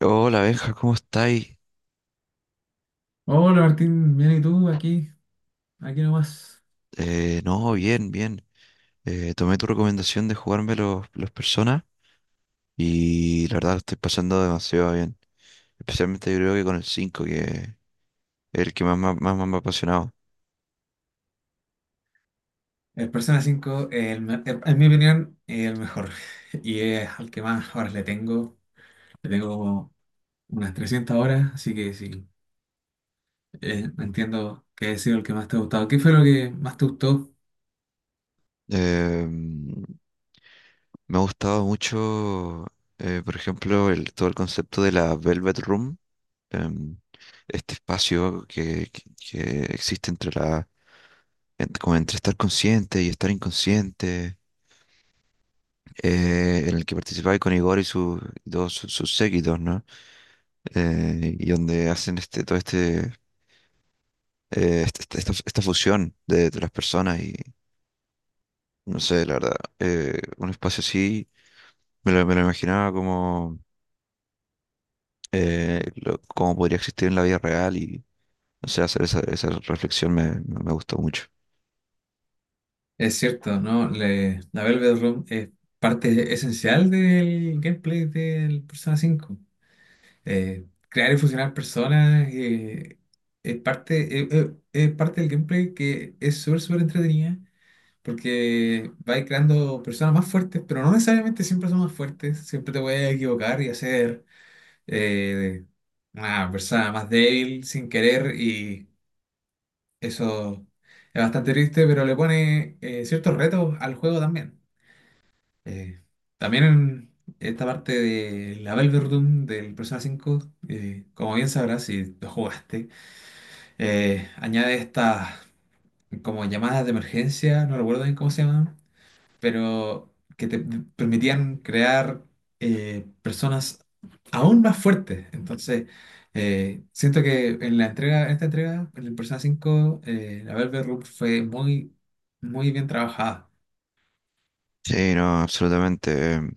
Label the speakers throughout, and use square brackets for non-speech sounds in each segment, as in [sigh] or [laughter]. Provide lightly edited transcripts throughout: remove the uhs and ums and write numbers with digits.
Speaker 1: Hola, Benja, ¿cómo estáis?
Speaker 2: Hola Martín, bien y tú, aquí, aquí nomás.
Speaker 1: No, bien, bien. Tomé tu recomendación de jugarme los personas y la verdad lo estoy pasando demasiado bien. Especialmente yo creo que con el 5 que es el que más, más me ha apasionado.
Speaker 2: El Persona 5, en mi opinión, es el mejor. [laughs] Y es al que más horas le tengo. Le tengo como unas 300 horas, así que sí, entiendo que ha sido el que más te ha gustado. ¿Qué fue lo que más te gustó?
Speaker 1: Me ha gustado mucho, por ejemplo, el, todo el concepto de la Velvet Room, em, este espacio que existe entre como entre estar consciente y estar inconsciente. En el que participaba con Igor y sus dos sus sus séquitos, ¿no? Y donde hacen todo este, esta fusión de las personas y no sé, la verdad, un espacio así me lo imaginaba como, como podría existir en la vida real y no sé, hacer esa reflexión me gustó mucho.
Speaker 2: Es cierto, ¿no? La Velvet Room es parte esencial del gameplay del Persona 5. Crear y fusionar personas es parte del gameplay que es súper, súper entretenida porque vais creando personas más fuertes, pero no necesariamente siempre son más fuertes, siempre te puedes equivocar y hacer eh, una persona más débil sin querer, y eso es bastante triste, pero le pone ciertos retos al juego también. Eh, también en esta parte de la Velverdum del Persona 5, como bien sabrás si lo jugaste, añade estas como llamadas de emergencia, no recuerdo bien cómo se llaman, pero que te permitían crear personas aún más fuertes. Entonces, siento que en esta entrega, en el Persona 5, la Velverdum fue muy, muy bien trabajada.
Speaker 1: Sí, no, absolutamente.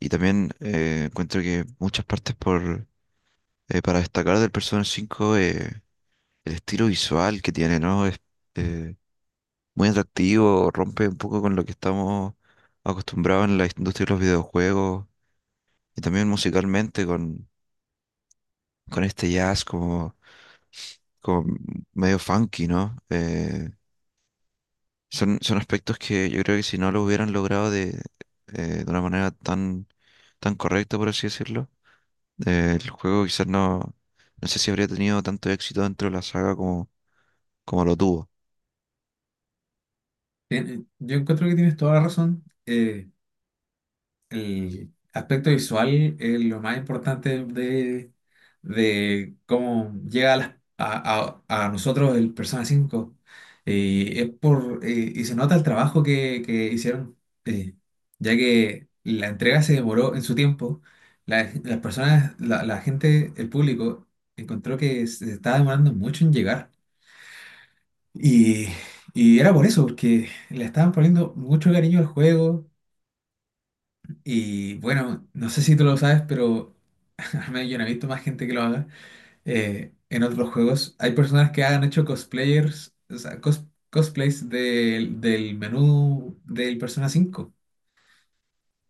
Speaker 1: Y también encuentro que muchas partes por para destacar del Persona 5, el estilo visual que tiene, ¿no? Es eh, muy atractivo, rompe un poco con lo que estamos acostumbrados en la industria de los videojuegos y también musicalmente con este jazz como, como medio funky, ¿no? Son, son aspectos que yo creo que si no lo hubieran logrado de una manera tan, tan correcta, por así decirlo, el juego quizás no, no sé si habría tenido tanto éxito dentro de la saga como, como lo tuvo.
Speaker 2: Bien, yo encuentro que tienes toda la razón. El aspecto visual es lo más importante de cómo llega a, las- a nosotros el Persona 5. Y se nota el trabajo que hicieron, eh, ya que la entrega se demoró en su tiempo. La gente, el público, encontró que se estaba demorando mucho en llegar. Y, y era por eso, porque le estaban poniendo mucho cariño al juego, y bueno, no sé si tú lo sabes, pero [laughs] al menos yo no he visto más gente que lo haga. En otros juegos hay personas que han hecho cosplayers, o sea, cosplays del menú del Persona 5.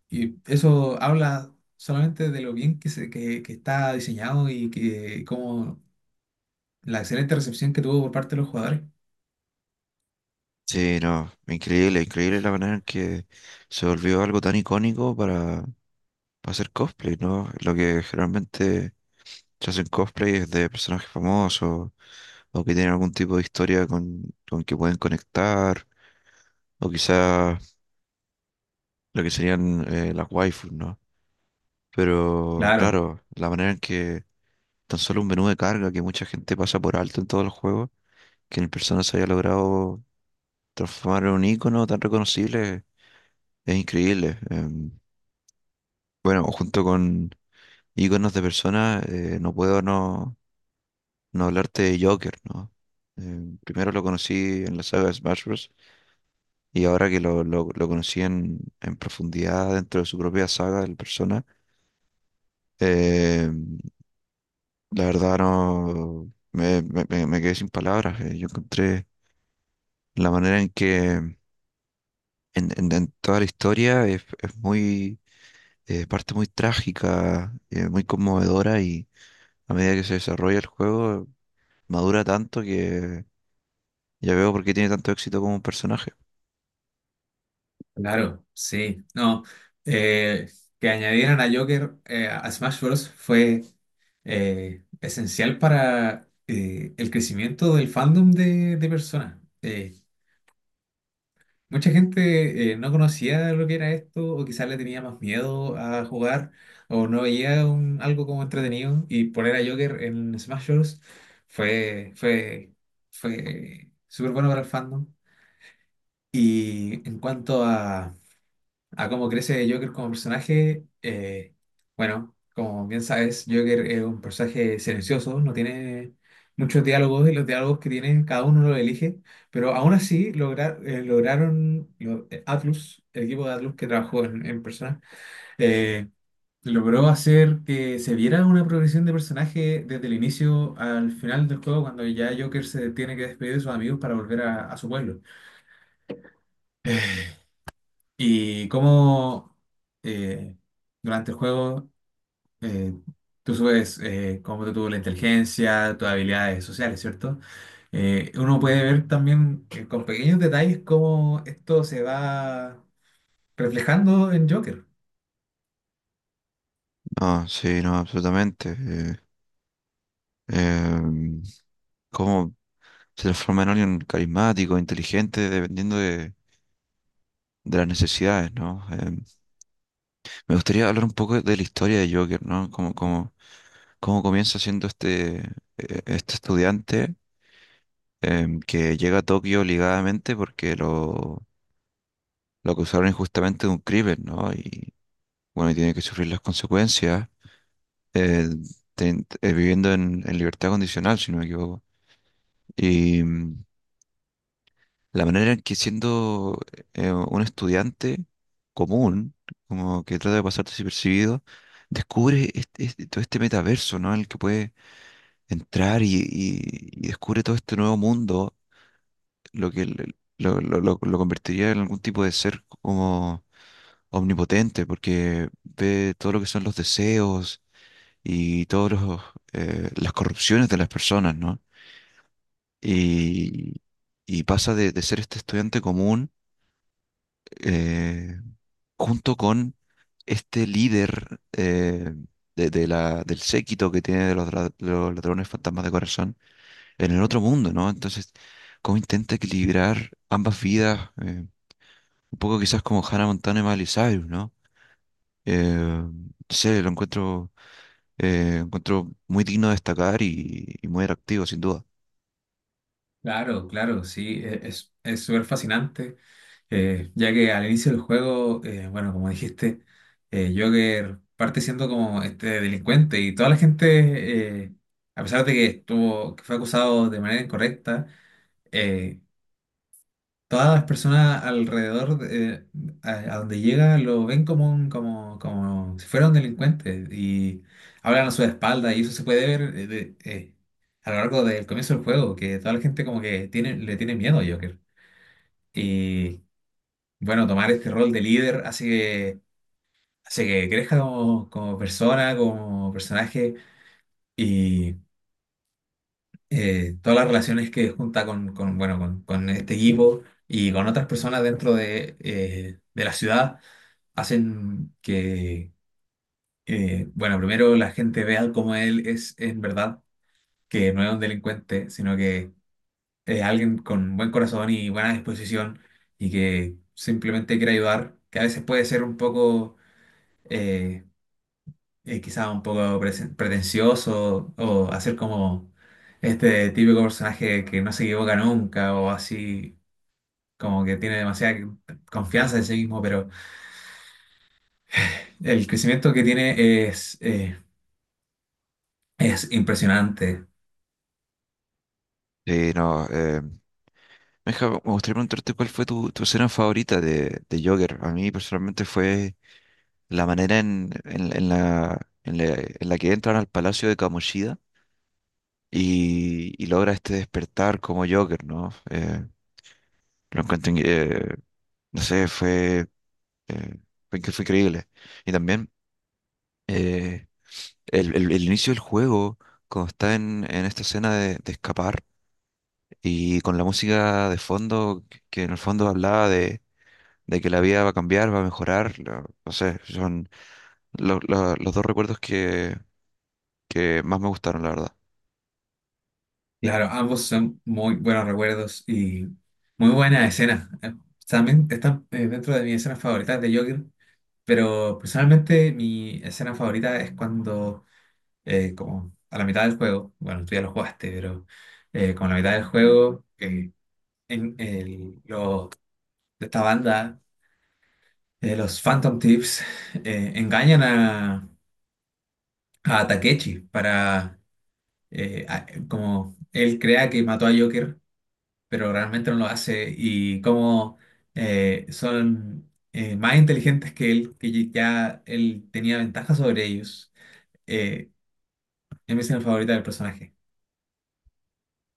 Speaker 2: Y eso habla solamente de lo bien que está diseñado y que como la excelente recepción que tuvo por parte de los jugadores.
Speaker 1: Sí, no, increíble, increíble la manera en que se volvió algo tan icónico para hacer cosplay, ¿no? Lo que generalmente se hacen cosplay es de personajes famosos o que tienen algún tipo de historia con que pueden conectar o quizás lo que serían las waifus, ¿no? Pero
Speaker 2: Claro.
Speaker 1: claro, la manera en que tan solo un menú de carga que mucha gente pasa por alto en todos los juegos, que en el Persona se haya logrado transformar en un icono tan reconocible. Es increíble. Bueno, junto con íconos de personas, no puedo no, no hablarte de Joker, ¿no? Primero lo conocí en la saga de Smash Bros. Y ahora que lo conocí en profundidad dentro de su propia saga, el Persona, em, la verdad no me quedé sin palabras. Yo encontré la manera en que en toda la historia es muy, parte muy trágica, muy conmovedora y a medida que se desarrolla el juego, madura tanto que ya veo por qué tiene tanto éxito como un personaje.
Speaker 2: Claro, sí. No, eh, que añadieran a Joker, a Smash Bros. Fue esencial para el crecimiento del fandom de Persona. Mucha gente no conocía lo que era esto, o quizás le tenía más miedo a jugar, o no veía algo como entretenido, y poner a Joker en Smash Bros. fue, fue, fue súper bueno para el fandom. Y en cuanto a cómo crece Joker como personaje, bueno, como bien sabes, Joker es un personaje silencioso, no tiene muchos diálogos, y los diálogos que tiene cada uno lo elige, pero aún así lograron, Atlus, el equipo de Atlus que trabajó en persona, eh, logró hacer que se viera una progresión de personaje desde el inicio al final del juego, cuando ya Joker se tiene que despedir de sus amigos para volver a su pueblo. [sighs] Y cómo, eh, durante el juego, eh, tú subes, cómo te tuvo la inteligencia, tus habilidades sociales, ¿cierto? Uno puede ver también, con pequeños detalles cómo esto se va reflejando en Joker.
Speaker 1: No, sí, no, absolutamente. Em, Cómo se transforma en alguien carismático, inteligente, dependiendo de las necesidades, ¿no? Me gustaría hablar un poco de la historia de Joker, ¿no? Cómo, cómo, cómo comienza siendo este, este estudiante que llega a Tokio obligadamente porque lo acusaron injustamente de un crimen, ¿no? Y bueno, y tiene que sufrir las consecuencias. eh, Viviendo en libertad condicional, si no me equivoco. Y mm, la manera en que siendo un estudiante común, como que trata de pasar desapercibido, descubre todo este metaverso, ¿no? En el que puede entrar y descubre todo este nuevo mundo, lo que lo convertiría en algún tipo de ser como omnipotente, porque ve todo lo que son los deseos y todas las corrupciones de las personas, ¿no? Y y pasa de ser este estudiante común eh, junto con este líder de del séquito que tiene de de los ladrones fantasmas de corazón en el otro mundo, ¿no? Entonces, ¿cómo intenta equilibrar ambas vidas? Un poco quizás como Hannah Montana y Miley Cyrus, ¿no? No sé, lo encuentro, encuentro muy digno de destacar y muy atractivo, sin duda.
Speaker 2: Claro, claro, sí, es súper fascinante. Ya que al inicio del juego, bueno, como dijiste, Joker parte siendo como este delincuente, y toda la gente, a pesar de que fue acusado de manera incorrecta, eh, todas las personas alrededor, a donde llega, lo ven como si fuera un delincuente, y hablan a su espalda, y eso se puede ver, a lo largo del comienzo del juego, que toda la gente como que le tiene miedo a Joker. Y bueno, tomar este rol de líder hace que crezca como persona, como personaje, y, todas las relaciones que junta bueno, con este equipo y con otras personas dentro de la ciudad hacen que, bueno, primero la gente vea cómo él es en verdad, que no es un delincuente, sino que es alguien con buen corazón y buena disposición, y que simplemente quiere ayudar, que a veces puede ser un poco, eh, quizá un poco pretencioso, o hacer como este típico personaje que no se equivoca nunca, o así como que tiene demasiada confianza en sí mismo, pero el crecimiento que tiene es impresionante.
Speaker 1: Sí, no, Meja, me gustaría preguntarte cuál fue tu, tu escena favorita de Joker. A mí personalmente fue la manera en la que entran al palacio de Kamoshida y logra este despertar como Joker, ¿no? Lo encuentro, no sé, fue, eh, que fue increíble. Y también eh, el, el inicio del juego, cuando está en esta escena de escapar y con la música de fondo, que en el fondo hablaba de que la vida va a cambiar, va a mejorar. No sé, son los dos recuerdos que más me gustaron, la verdad.
Speaker 2: Claro, ambos son muy buenos recuerdos y muy buenas escenas. También están, dentro de mis escenas favoritas de Joker, pero personalmente mi escena favorita es cuando, como a la mitad del juego, bueno, tú ya lo jugaste, pero, como a la mitad del juego, los de esta banda, los Phantom Tips, [laughs] engañan a Takechi, para, como él crea que mató a Joker, pero realmente no lo hace, y como, son, más inteligentes que él, que ya él tenía ventaja sobre ellos. Eh, es mi escena favorita del personaje.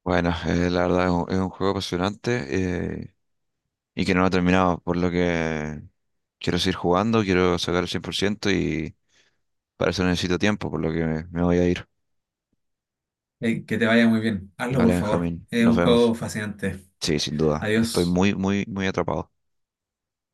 Speaker 1: Bueno, [laughs] la verdad es un juego apasionante eh, y que no lo he terminado, por lo que quiero seguir jugando, quiero sacar el 100% y para eso necesito tiempo, por lo que me voy a ir.
Speaker 2: Que te vaya muy bien. Hazlo, por
Speaker 1: Vale,
Speaker 2: favor.
Speaker 1: Benjamín,
Speaker 2: Es
Speaker 1: nos
Speaker 2: un juego
Speaker 1: vemos.
Speaker 2: fascinante.
Speaker 1: Sí, sin duda, estoy
Speaker 2: Adiós.
Speaker 1: muy, muy, muy atrapado.